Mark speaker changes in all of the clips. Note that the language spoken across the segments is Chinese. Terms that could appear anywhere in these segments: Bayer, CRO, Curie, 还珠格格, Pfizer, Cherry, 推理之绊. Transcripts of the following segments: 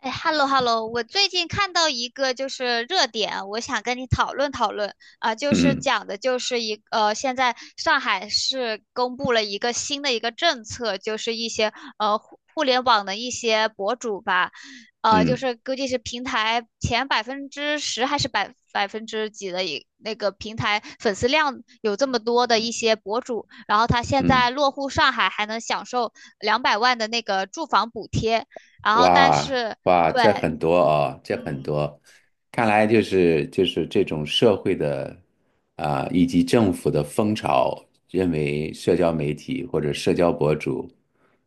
Speaker 1: 哎，hello hello，我最近看到一个就是热点，我想跟你讨论讨论啊，就是
Speaker 2: 嗯
Speaker 1: 讲的就是现在上海市公布了一个新的一个政策，就是一些互联网的一些博主吧，就
Speaker 2: 嗯
Speaker 1: 是估计是平台前10%还是百分之几的那个平台粉丝量有这么多的一些博主，然后他现在
Speaker 2: 嗯，
Speaker 1: 落户上海还能享受两百万的那个住房补贴。然后但
Speaker 2: 哇
Speaker 1: 是
Speaker 2: 哇，这
Speaker 1: 对，
Speaker 2: 很多哦，这很多，看来就是这种社会的啊、以及政府的风潮，认为社交媒体或者社交博主，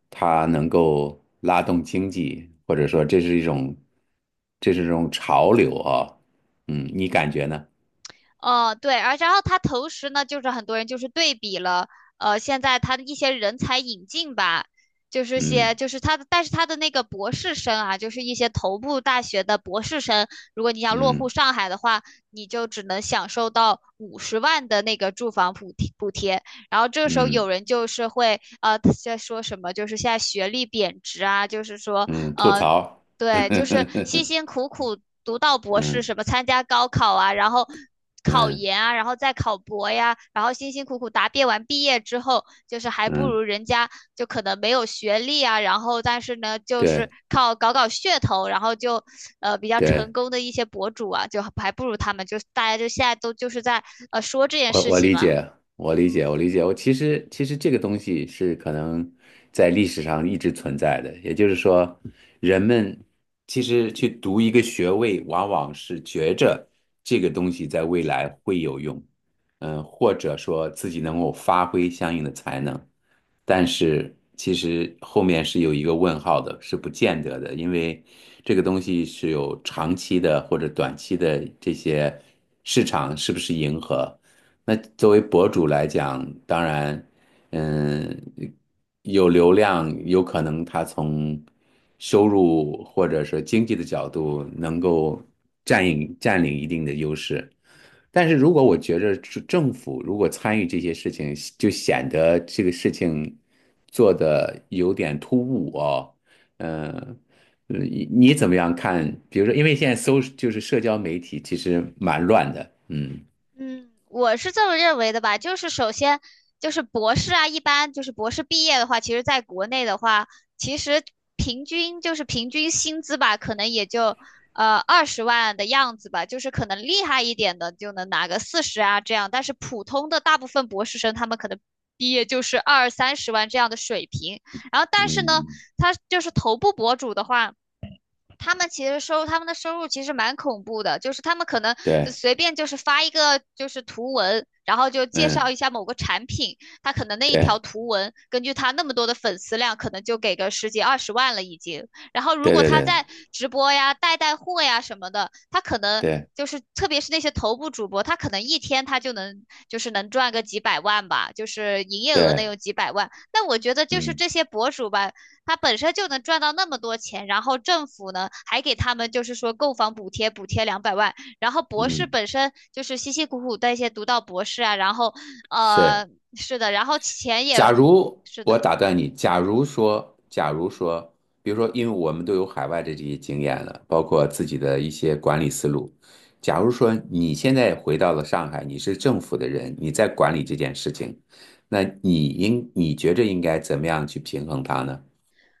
Speaker 2: 他能够拉动经济，或者说这是一种潮流啊、嗯，你感觉呢？
Speaker 1: 对，然后他同时呢，就是很多人就是对比了，现在他的一些人才引进吧，就是些
Speaker 2: 嗯
Speaker 1: 就是他的，但是他的那个博士生啊，就是一些头部大学的博士生，如果你要落户
Speaker 2: 嗯
Speaker 1: 上海的话，你就只能享受到50万的那个住房补贴，然后这个时候有
Speaker 2: 嗯
Speaker 1: 人就是会在说什么，就是现在学历贬值啊，就是说
Speaker 2: 嗯，吐
Speaker 1: 呃
Speaker 2: 槽，
Speaker 1: 对，就是辛辛苦苦读到博士，
Speaker 2: 嗯
Speaker 1: 什么参加高考啊，然后考
Speaker 2: 嗯
Speaker 1: 研啊，然后再考博呀，然后辛辛苦苦答辩完毕业之后，就是还不如
Speaker 2: 嗯，
Speaker 1: 人家就可能没有学历啊，然后但是呢，就是
Speaker 2: 对
Speaker 1: 靠搞搞噱头，然后就比较成
Speaker 2: 对。
Speaker 1: 功的一些博主啊，就还不如他们，就大家就现在都就是在说这件
Speaker 2: 我
Speaker 1: 事
Speaker 2: 我
Speaker 1: 情
Speaker 2: 理
Speaker 1: 嘛。
Speaker 2: 解，我理解，我理解。我其实这个东西是可能在历史上一直存在的，也就是说，人们其实去读一个学位，往往是觉着这个东西在未来会有用，嗯、或者说自己能够发挥相应的才能，但是其实后面是有一个问号的，是不见得的，因为这个东西是有长期的或者短期的这些市场是不是迎合。那作为博主来讲，当然，嗯，有流量，有可能他从收入或者说经济的角度能够占领一定的优势。但是如果我觉着是政府如果参与这些事情，就显得这个事情做的有点突兀哦。呃嗯，呃你怎么样看？比如说，因为现在搜就是社交媒体其实蛮乱的，嗯
Speaker 1: 嗯，我是这么认为的吧，就是首先就是博士啊，一般就是博士毕业的话，其实在国内的话，其实平均薪资吧，可能也就二十万的样子吧，就是可能厉害一点的就能拿个四十啊这样，但是普通的大部分博士生他们可能毕业就是二三十万这样的水平，然后但是呢，
Speaker 2: 嗯。
Speaker 1: 他就是头部博主的话。他们的收入其实蛮恐怖的，就是他们可能就
Speaker 2: 对，
Speaker 1: 随便就是发一个就是图文，然后就介绍
Speaker 2: 嗯，
Speaker 1: 一下某个产品，他可能那一条
Speaker 2: 对，
Speaker 1: 图文，根据他那么多的粉丝量，可能就给个十几二十万了已经。然后如
Speaker 2: 对
Speaker 1: 果
Speaker 2: 对
Speaker 1: 他
Speaker 2: 对
Speaker 1: 在直播呀、带带货呀什么的，他可能
Speaker 2: 对
Speaker 1: 就是特别是那些头部主播，他可能一天他就能赚个几百万吧，就是营业额能
Speaker 2: 对，
Speaker 1: 有几百万。那我觉得就是
Speaker 2: 嗯
Speaker 1: 这些博主吧。他本身就能赚到那么多钱，然后政府呢还给他们就是说购房补贴，补贴两百万，然后博士
Speaker 2: 嗯，
Speaker 1: 本身就是辛辛苦苦的一些读到博士啊，然后呃
Speaker 2: 是。
Speaker 1: 是的，然后钱
Speaker 2: 假
Speaker 1: 也
Speaker 2: 如
Speaker 1: 是
Speaker 2: 我
Speaker 1: 的，
Speaker 2: 打断你，假如说，假如说，比如说，因为我们都有海外的这些经验了，包括自己的一些管理思路。假如说你现在回到了上海，你是政府的人，你在管理这件事情，那你应你觉着应该怎么样去平衡它呢？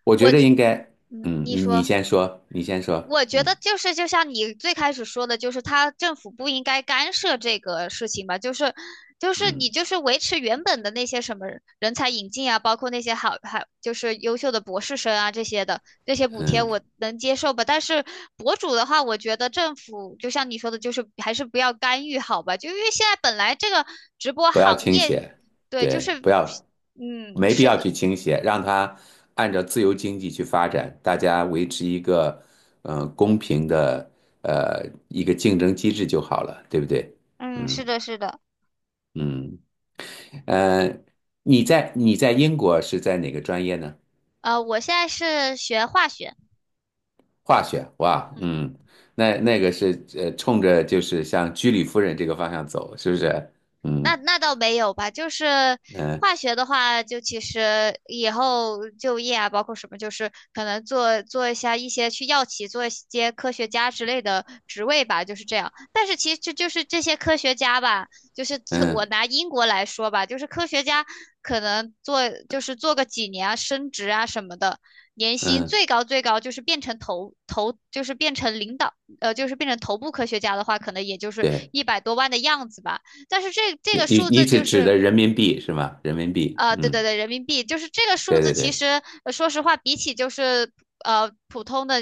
Speaker 2: 我觉
Speaker 1: 我
Speaker 2: 着
Speaker 1: 觉
Speaker 2: 应该，
Speaker 1: 嗯
Speaker 2: 嗯，
Speaker 1: 你
Speaker 2: 你
Speaker 1: 说。
Speaker 2: 先说，你先说，
Speaker 1: 我觉
Speaker 2: 嗯
Speaker 1: 得就是就像你最开始说的，就是他政府不应该干涉这个事情吧，就是你
Speaker 2: 嗯
Speaker 1: 就是维持原本的那些什么人才引进啊，包括那些就是优秀的博士生啊这些补贴我
Speaker 2: 嗯。
Speaker 1: 能接受吧，但是博主的话，我觉得政府就像你说的，就是还是不要干预好吧，就因为现在本来这个直播
Speaker 2: 不要
Speaker 1: 行
Speaker 2: 倾
Speaker 1: 业，
Speaker 2: 斜，
Speaker 1: 对，就
Speaker 2: 对，
Speaker 1: 是
Speaker 2: 不要，
Speaker 1: 嗯
Speaker 2: 没必
Speaker 1: 是
Speaker 2: 要
Speaker 1: 的，
Speaker 2: 去倾斜，让它按照自由经济去发展，大家维持一个嗯、呃公平的呃一个竞争机制就好了，对不对？
Speaker 1: 嗯
Speaker 2: 嗯
Speaker 1: 是的是的，
Speaker 2: 嗯，呃，你在英国是在哪个专业呢？
Speaker 1: 我现在是学化学，
Speaker 2: 化学，哇，
Speaker 1: 嗯。
Speaker 2: 嗯，那那个是呃冲着就是像居里夫人这个方向走，是不是？嗯
Speaker 1: 那倒没有吧，就是
Speaker 2: 嗯
Speaker 1: 化学的话，就其实以后就业啊，包括什么，就是可能做做一下一些去药企做一些科学家之类的职位吧，就是这样。但是其实这就是这些科学家吧，就是我
Speaker 2: 嗯
Speaker 1: 拿英国来说吧，就是科学家可能做就是做个几年啊，升职啊什么的，年薪
Speaker 2: 嗯，
Speaker 1: 最高最高就是变成头头，就是变成领导，就是变成头部科学家的话，可能也就是
Speaker 2: 对。
Speaker 1: 100多万的样子吧。但是这个
Speaker 2: 你
Speaker 1: 数
Speaker 2: 你
Speaker 1: 字
Speaker 2: 指
Speaker 1: 就
Speaker 2: 指
Speaker 1: 是，
Speaker 2: 的人民币是吗？人民币，
Speaker 1: 对对
Speaker 2: 嗯，
Speaker 1: 对，人民币就是这个数
Speaker 2: 对
Speaker 1: 字。
Speaker 2: 对
Speaker 1: 其
Speaker 2: 对，
Speaker 1: 实说实话，比起就是普通的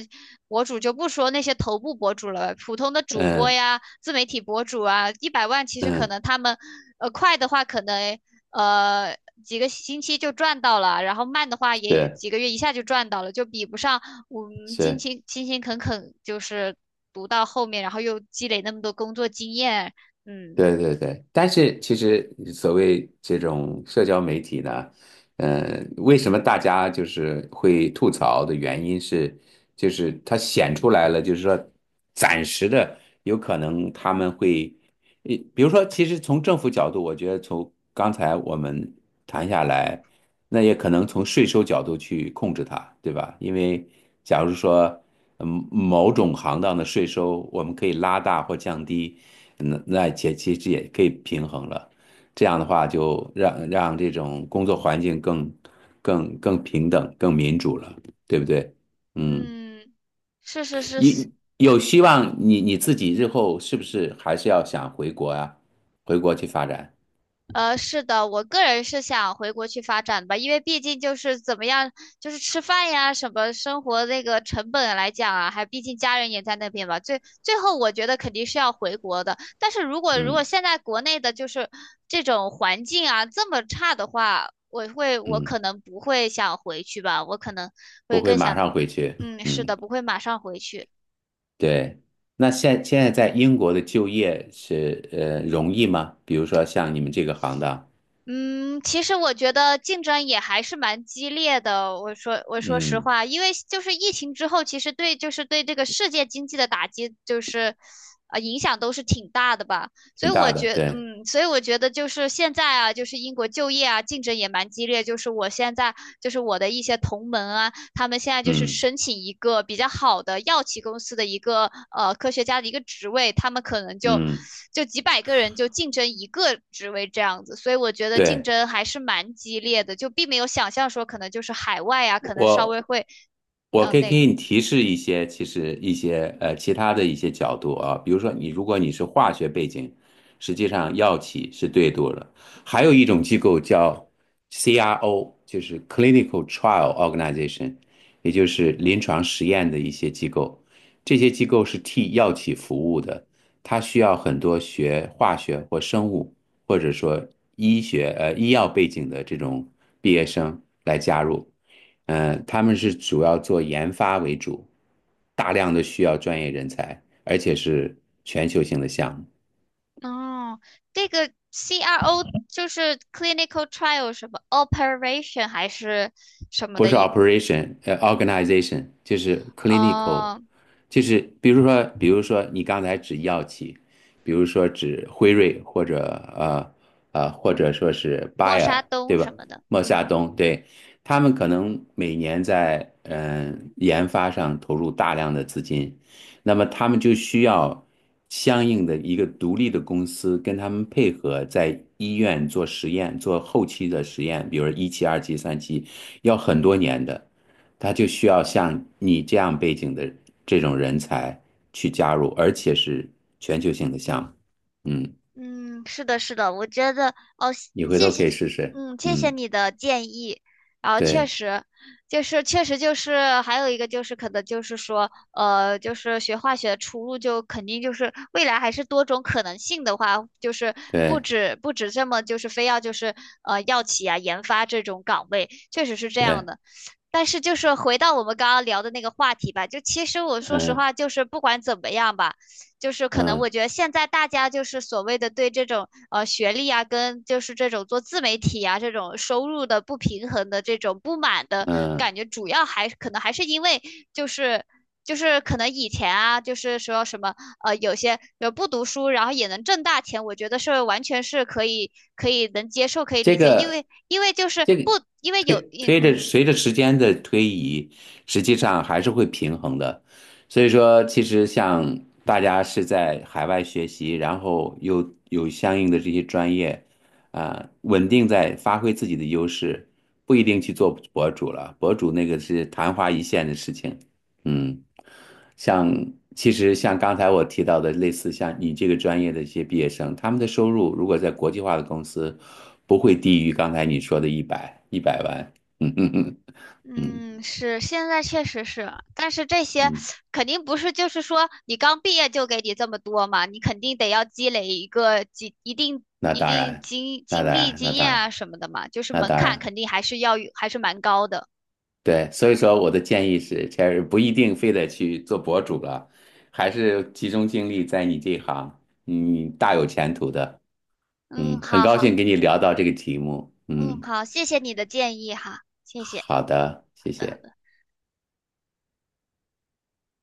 Speaker 1: 博主就不说那些头部博主了，普通的主播
Speaker 2: 嗯
Speaker 1: 呀、自媒体博主啊，100万其实可
Speaker 2: 嗯，
Speaker 1: 能他们，快的话可能呃几个星期就赚到了，然后慢的话也
Speaker 2: 是
Speaker 1: 几个月一下就赚到了，就比不上我们辛
Speaker 2: 是，
Speaker 1: 勤勤勤恳恳就是读到后面，然后又积累那么多工作经验，嗯。
Speaker 2: 对对对。但是其实所谓这种社交媒体呢，嗯，为什么大家就是会吐槽的原因是，就是它显出来了，就是说暂时的有可能他们会，呃比如说，其实从政府角度，我觉得从刚才我们谈下来。那也可能从税收角度去控制它，对吧？因为假如说，嗯，某种行当的税收我们可以拉大或降低，那那也其实也可以平衡了。这样的话，就让这种工作环境更平等、更民主了，对不对？嗯，
Speaker 1: 嗯，是是是，是
Speaker 2: 你有希望你自己日后是不是还是要想回国啊？回国去发展？
Speaker 1: 是的，我个人是想回国去发展吧，因为毕竟就是怎么样，就是吃饭呀，什么生活那个成本来讲啊，还毕竟家人也在那边吧。最后，我觉得肯定是要回国的。但是如果
Speaker 2: 嗯
Speaker 1: 现在国内的就是这种环境啊这么差的话，我
Speaker 2: 嗯，
Speaker 1: 可能不会想回去吧，我可能
Speaker 2: 不
Speaker 1: 会
Speaker 2: 会
Speaker 1: 更
Speaker 2: 马
Speaker 1: 想，
Speaker 2: 上回去。
Speaker 1: 嗯，是的，
Speaker 2: 嗯。
Speaker 1: 不会马上回去。
Speaker 2: 对，那现在在英国的就业是呃容易吗？比如说像你们这个行当，
Speaker 1: 嗯，其实我觉得竞争也还是蛮激烈的。我说实
Speaker 2: 嗯，
Speaker 1: 话，因为就是疫情之后，其实对这个世界经济的打击，就是影响都是挺大的吧。所
Speaker 2: 挺
Speaker 1: 以我
Speaker 2: 大的，
Speaker 1: 觉，
Speaker 2: 对，
Speaker 1: 嗯，所以我觉得就是现在啊，就是英国就业啊，竞争也蛮激烈。就是我现在就是我的一些同门啊。他们现在就是
Speaker 2: 嗯
Speaker 1: 申请一个比较好的药企公司的一个科学家的一个职位，他们可能就
Speaker 2: 嗯，
Speaker 1: 就几百个人就竞争一个职位这样子，所以我觉得竞
Speaker 2: 对，
Speaker 1: 争还是蛮激烈的，就并没有想象说可能就是海外啊，可能稍
Speaker 2: 我
Speaker 1: 微会
Speaker 2: 我
Speaker 1: 呃
Speaker 2: 可以
Speaker 1: 那
Speaker 2: 给
Speaker 1: 个
Speaker 2: 你提示一些，其实一些呃其他的一些角度啊，比如说你如果你是化学背景，实际上药企是对多了。还有一种机构叫 CRO，就是 Clinical Trial Organization，也就是临床实验的一些机构。这些机构是替药企服务的，它需要很多学化学或生物。或者说医学呃医药背景的这种毕业生来加入。嗯、呃他们是主要做研发为主，大量的需要专业人才，而且是全球性的项目。
Speaker 1: 哦，这个 CRO 就是 clinical trial 什么 operation 还是什么
Speaker 2: 不
Speaker 1: 的
Speaker 2: 是
Speaker 1: 一个，
Speaker 2: operation，呃，organization 就是 clinical，
Speaker 1: 呃，
Speaker 2: 就是比如说，比如说你刚才指药企，比如说指辉瑞或者呃呃或者说是
Speaker 1: 默沙
Speaker 2: Bayer，
Speaker 1: 东
Speaker 2: 对吧？
Speaker 1: 什么的，
Speaker 2: 莫夏
Speaker 1: 嗯。
Speaker 2: 东，对，他们可能每年在嗯、呃研发上投入大量的资金，那么他们就需要相应的一个独立的公司跟他们配合，在医院做实验，做后期的实验，比如一期、二期、三期，要很多年的，他就需要像你这样背景的这种人才去加入，而且是全球性的项目。嗯，
Speaker 1: 嗯，是的，是的，我觉得哦，
Speaker 2: 你回
Speaker 1: 谢
Speaker 2: 头可
Speaker 1: 谢，
Speaker 2: 以试试。
Speaker 1: 嗯，谢谢
Speaker 2: 嗯，
Speaker 1: 你的建议。然后确
Speaker 2: 对
Speaker 1: 实，就是确实就是还有一个就是可能就是说，就是学化学的出路就肯定就是未来还是多种可能性的话，就是不
Speaker 2: 对
Speaker 1: 止不止这么就是非要就是药企啊研发这种岗位，确实是这样
Speaker 2: 对，
Speaker 1: 的。但是就是回到我们刚刚聊的那个话题吧，就其实我说实话，就是不管怎么样吧，就是可能我
Speaker 2: 嗯
Speaker 1: 觉得现在大家就是所谓的对这种学历啊，跟就是这种做自媒体啊这种收入的不平衡的这种不满的
Speaker 2: 嗯嗯。
Speaker 1: 感
Speaker 2: 嗯
Speaker 1: 觉，主要还可能还是因为就是就是可能以前啊，就是说什么有些不读书然后也能挣大钱，我觉得是完全是可以能接受可以
Speaker 2: 这
Speaker 1: 理解，因
Speaker 2: 个
Speaker 1: 为因为就是
Speaker 2: 这
Speaker 1: 不
Speaker 2: 个
Speaker 1: 因为有
Speaker 2: 推
Speaker 1: 嗯
Speaker 2: 推着
Speaker 1: 嗯。
Speaker 2: 随着时间的推移，实际上还是会平衡的。所以说，其实像大家是在海外学习，然后又有相应的这些专业，啊、稳定在发挥自己的优势，不一定去做博主了。博主那个是昙花一现的事情，嗯，像其实像刚才我提到的，类似像你这个专业的一些毕业生，他们的收入如果在国际化的公司，不会低于刚才你说的一百万。嗯嗯嗯嗯
Speaker 1: 嗯，是，现在确实是，但是这些
Speaker 2: 嗯，
Speaker 1: 肯定不是，就是说你刚毕业就给你这么多嘛，你肯定得要积累一个几一定
Speaker 2: 那
Speaker 1: 一
Speaker 2: 当
Speaker 1: 定
Speaker 2: 然，
Speaker 1: 经
Speaker 2: 那
Speaker 1: 经
Speaker 2: 当
Speaker 1: 历
Speaker 2: 然，
Speaker 1: 经
Speaker 2: 那当
Speaker 1: 验啊
Speaker 2: 然，
Speaker 1: 什么的嘛，就是
Speaker 2: 那
Speaker 1: 门
Speaker 2: 当
Speaker 1: 槛
Speaker 2: 然，
Speaker 1: 肯定还是要有还是蛮高的。
Speaker 2: 对。所以说，我的建议是，Cherry 不一定非得去做博主了，还是集中精力在你这一行，你大有前途的。
Speaker 1: 嗯，
Speaker 2: 嗯，很
Speaker 1: 好
Speaker 2: 高兴
Speaker 1: 好，
Speaker 2: 跟你聊到这个题目。嗯。
Speaker 1: 嗯好，谢谢你的建议哈，谢谢。
Speaker 2: 好的，谢谢。